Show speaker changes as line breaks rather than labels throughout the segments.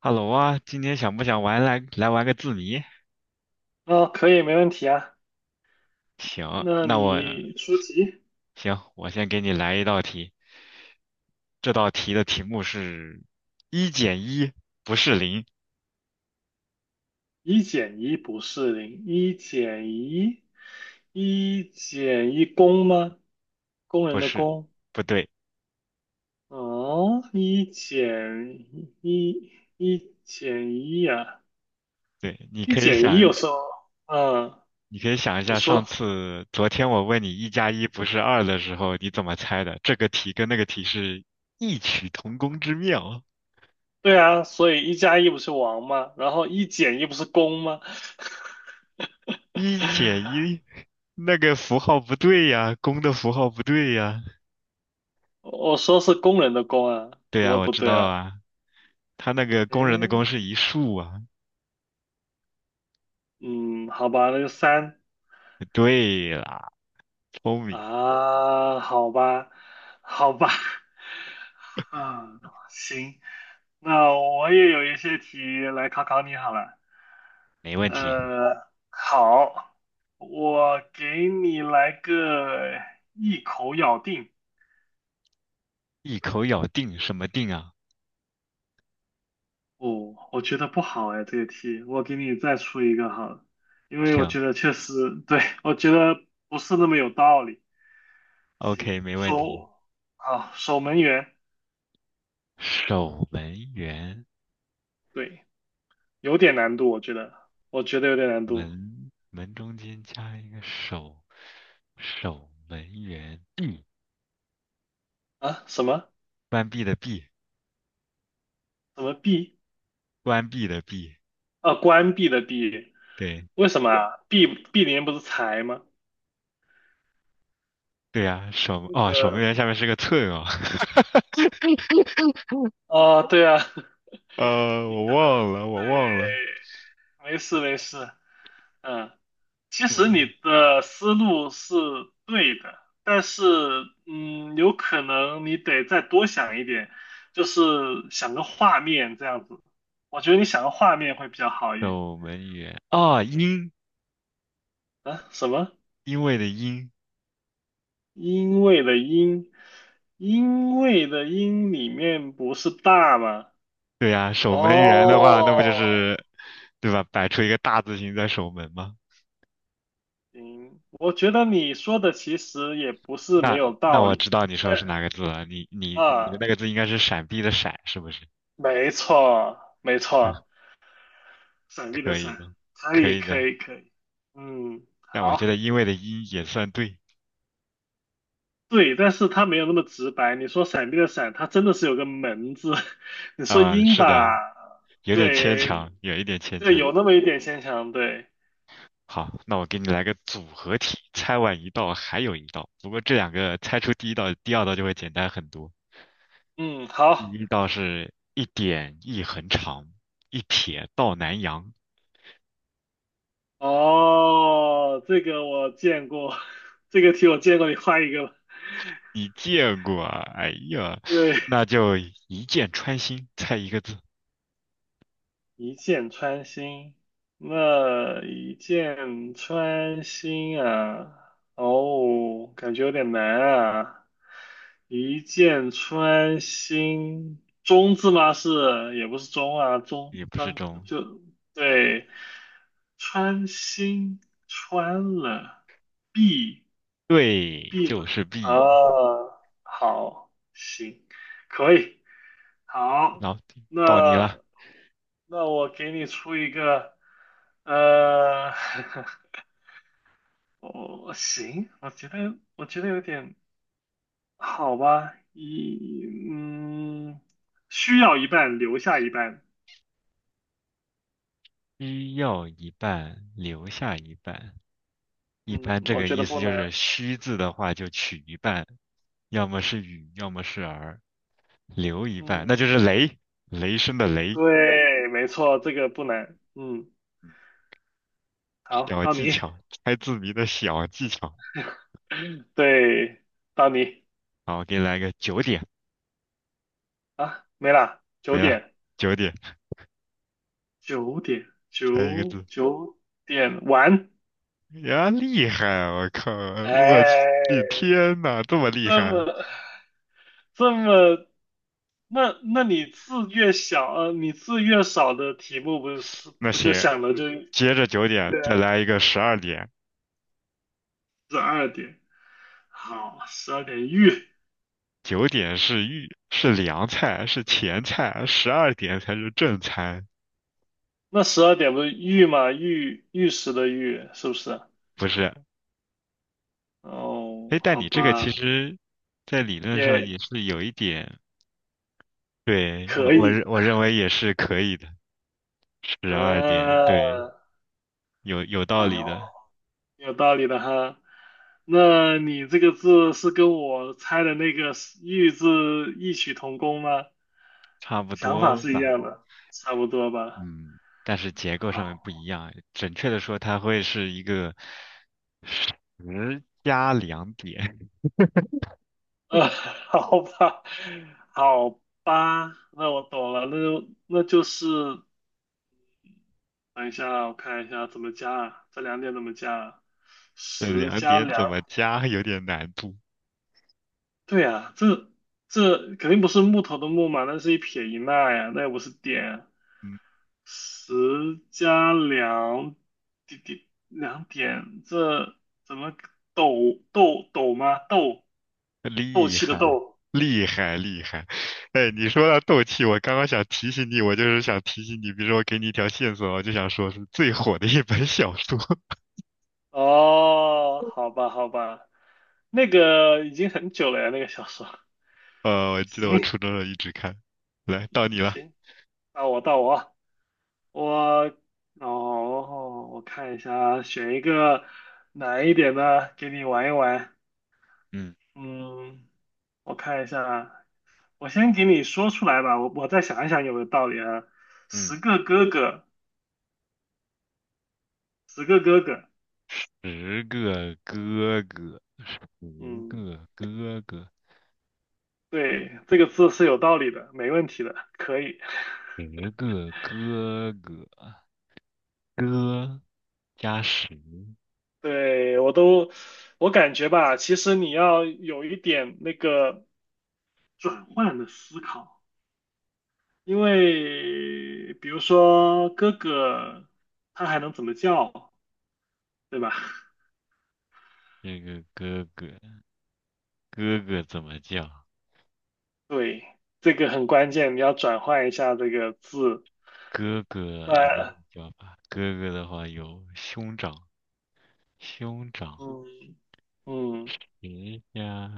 哈喽啊，今天想不想玩来来玩个字谜？
啊，可以，没问题啊。
行，
那
那我
你出题，
行，我先给你来一道题。这道题的题目是一减一不是零，
一减一不是零，一减一，一减一工吗？工
不
人的
是，
工。
不对，
哦，一减一，一减一呀、
对，你
一
可以
减一有
想，
时候，嗯，
你可以想一
你
下，上
说
次昨天我问你一加一不是二的时候，你怎么猜的？这个题跟那个题是异曲同工之妙，
对啊，所以一加一不是王吗？然后一减一不是工吗？
一减一，那个符号不对呀，公的符号不对呀，
我说是工人的工啊，
对
怎
呀，
么
我
不
知
对
道
了？
啊。他那个工人的
诶，
工是一竖啊。
嗯，好吧，那就三。
对啦，聪明，
啊，好吧，好吧，嗯，行，那我也有一些题来考考你好了。
没问题。
好，我给你来个一口咬定。
一口咬定什么定啊？
哦，我觉得不好哎，这个题，我给你再出一个好了，因为我
行
觉得确实，对，我觉得不是那么有道理。行，
，OK，没问题。
守，啊，守门员，
守门员，
对，有点难度，我觉得，我觉得有点难度。
门门中间加一个守，守门员，闭，
啊，什么
关闭的闭，
什么币？
关闭的闭。
啊，关闭的闭？
对
为什么对啊？闭联不是财吗？
对呀，守
这
哦，守门
个
员下面是个寸哦。
哦，对啊，
呃，
你
我
可能
忘了，
对，
我忘了，
没事没事，嗯，其
我
实你的思路是对的，但是有可能你得再多想一点，就是想个画面这样子。我觉得你想个画面会比较好一点。
守门员啊，因
啊，什么？
因为的因。
因为的因，因为的因里面不是大吗？
对呀，守门员的话，那不就
哦，
是，对吧？摆出一个大字形在守门吗？
行，我觉得你说的其实也不是没
那
有
那
道
我
理。
知道你说
嗯
的是哪个字了，你的
啊，
那个字应该是闪避的闪，是不是？
没错，没错，闪避的
可以
闪，
的，
可
可
以，
以
可
的。
以，可以。嗯，
但我觉
好，
得因为的因也算对
对，但是它没有那么直白。你说闪避的闪，它真的是有个门字。你说
啊，
鹰
是的，
吧，
有点牵
对，
强，有一点牵
对，
强。
有那么一点牵强。对，
好，那我给你来个组合题，猜完一道还有一道，不过这两个猜出第一道、第二道就会简单很多。
嗯，
第
好。
一道是一点一横长，一撇到南阳。
哦，这个我见过，这个题我见过，你画一个吧
你见过啊？哎呀，
对，
那就一箭穿心，猜一个字，
一箭穿心，那一箭穿心啊，哦，感觉有点难啊。一箭穿心，中字吗？是，也不是中啊，中
也不是
刚
中，
就对，穿心穿了，必。
对，
B
就
吗？
是 B。
啊，好，行，可以，好，
然后到你
那
了，
那我给你出一个，呃，我行，我觉得有点好吧，一嗯，需要一半，留下一半，
需要一半，留下一半。一
嗯，
般这
我
个
觉
意
得
思
不
就
能，
是虚字的话就取一半，要么是雨，要么是儿，留一半，那就
嗯，
是雷，雷声的雷。
对，没错，这个不能，嗯，好，
小
到
技
你，
巧，猜字谜的小技巧。
对，到你
好，我给你来个九点，
啊，没了，九
没了，
点。
九点，
九点
猜一个
九
字。
九点完，
呀，厉害啊！我靠，我
哎，
的天呐，这么厉
这
害！
么这么，那你字越小，你字越少的题目不是
那
不就
行，
想的就
接着九点
对啊
再来一个十二点。
十二点？好，十二点玉，
九点是预是凉菜是前菜，十二点才是正餐。
那十二点不是玉嘛，玉玉石的玉是不是？
不是，哎，
哦，
但
好
你这个其
吧，
实，在理论上
也
也是有一点，对，我
可
我认
以，
我认为也是可以的。十
嗯、
二点，对，有道理的，
好。有道理的哈。那你这个字是跟我猜的那个玉字异曲同工吗？
差不
想法
多
是一
吧。
样的，差不多吧。
嗯，但是结构上面
好，
不一样。准确的说，它会是一个。十加两点，
好吧，好吧，那我懂了，那就是，等一下，我看一下怎么加啊，这两点怎么加啊？
这
十
两
加
点
两，
怎么加有点难度。
对呀，这肯定不是木头的木嘛，那是一撇一捺呀，那也不是点啊
嗯，
十加两点，滴两点，这怎么斗斗斗吗？斗斗
厉
气的
害，
斗。
厉害，厉害。哎，你说到斗气，我刚刚想提醒你，我就是想提醒你，比如说我给你一条线索，我就想说是最火的一本小说。
哦，好吧，好吧，那个已经很久了呀，那个小说。
呃，我记得我
行
初中的时候一直看。来，到你了。
行，到我啊我哦，我看一下啊选一个难一点的给你玩一玩。
嗯
嗯，我看一下啊。我先给你说出来吧，我再想一想有没有道理啊。
嗯，
十个哥哥，十个哥哥，
十个哥哥，十
嗯，
个哥哥，
对，这个字是有道理的，没问题的，可以。
十个哥哥，哥加十，
对，我都，我感觉吧，其实你要有一点那个转换的思考，因为比如说哥哥，他还能怎么叫，对吧？
这个哥哥。哥哥怎么叫？
对，这个很关键，你要转换一下这个字，
哥哥
不
有什
然
么叫法？哥哥的话有兄长，兄长，
嗯嗯。
十家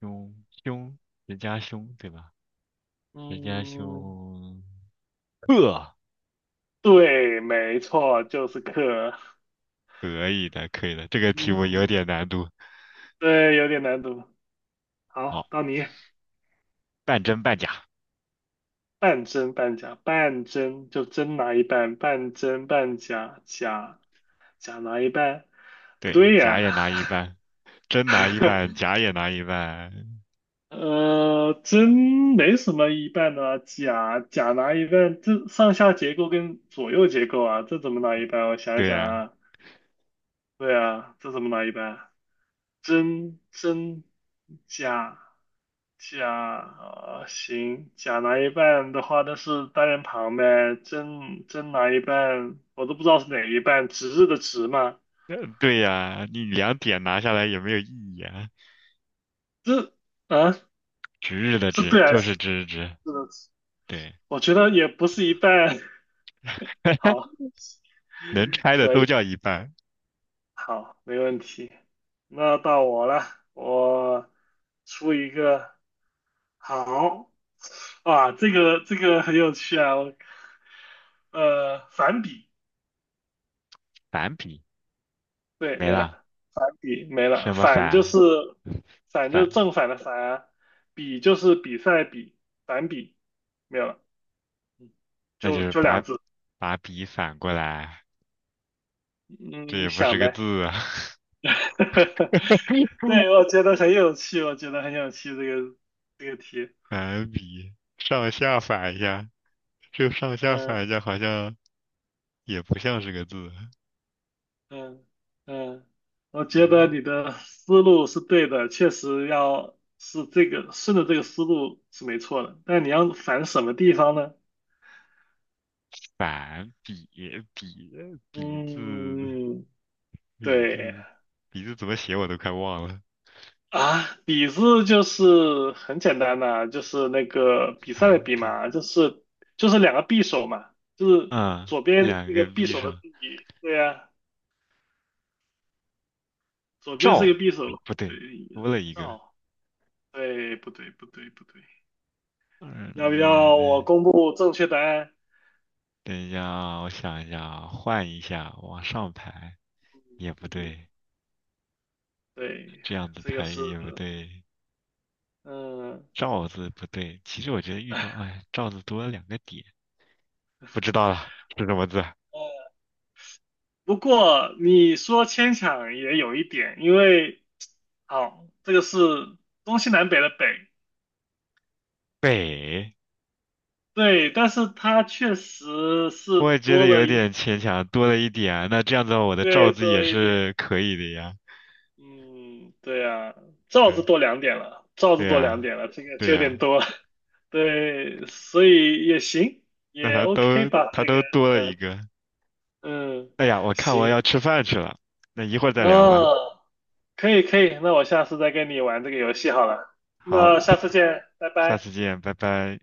兄兄，人家兄，对吧？人家
嗯，
兄，呵，
对，没错，就是克。
可以的，可以的，这个题目有
嗯，
点难度。
对，有点难度。
哦，
好，到你，
半真半假，
半真半假，半真就真拿一半，半真半假，假假拿一半。不
对，
对
假
呀，
也拿一半，真拿一半，假也拿一半，
真没什么一半的啊假假拿一半，这上下结构跟左右结构啊，这怎么拿一半？我想一
对
想
呀，
啊，对啊，这怎么拿一半？真真假假啊、行，假拿一半的话，那是单人旁呗。真真拿一半，我都不知道是哪一半，值日的值嘛？
呃对呀，你两点拿下来也没有意义啊。
这啊，
值日的
是
值
对还
就
是
是值日值，
是的值？
对。
我觉得也不是一半。好，
能拆的
可
都
以，
叫一半，
好，没问题。那到我了，我出一个好哇，这个很有趣啊，我反比，
反比
对，
没
没
了，
了，反比没了，
什么
反就
反
是反就是
反，
正反的反啊，比就是比赛的比，反比没有了，
那就
就
是
就
把
两字，
把笔反过来，这
嗯，你
也不是
想
个
呗。
字啊，
对，我觉得很有趣，这个这个题，
反比上下反一下，就上下
嗯
反一下好像也不像是个字，
嗯嗯，我觉得
嗯，
你的思路是对的，确实要是这个顺着这个思路是没错的，但你要反什么地方呢？
反比字
嗯。
比
对
字比字怎么写我都快忘了，
啊，比字就是很简单的，就是那个比赛的
反
比
比，
嘛，就是两个匕首嘛，就是
嗯，
左边
两
那个
个
匕
匕
首的
首，
匕，对呀、左边是一
照，
个匕首，
不
对，
对，多了一个，
照，对，不对，不对，不对，要不要我
嗯，
公布正确答案？
等一下啊，我想一下啊，换一下，往上排也不
嗯，
对，
对，
这样子
这个
排
是，
也不对，
嗯。
罩字不对。其实我觉得玉罩，
哎
哎，罩字多了两个点，不知道了，是什么字？
呃不过你说牵强也有一点，因为好，这个是东西南北的北，
北，
对，但是它确实是
我也觉得
多了
有
一，
点牵强，多了一点啊。那这样子的话我的罩
对，
字
多
也
了一点，
是可以的呀。
嗯，对啊，罩
对，
子多两点了，罩子
对
多两
呀，
点了，这个
对
就有点
呀，
多了 对，所以也行，
那
也
他
OK
都
吧，这
他
个，
都多了一
嗯
个。
嗯，
哎呀，我看我要
行，
吃饭去了，那一会儿再聊吧。
啊，可以可以，那我下次再跟你玩这个游戏好了，
好，
那下次见，拜
下
拜。
次见，拜拜。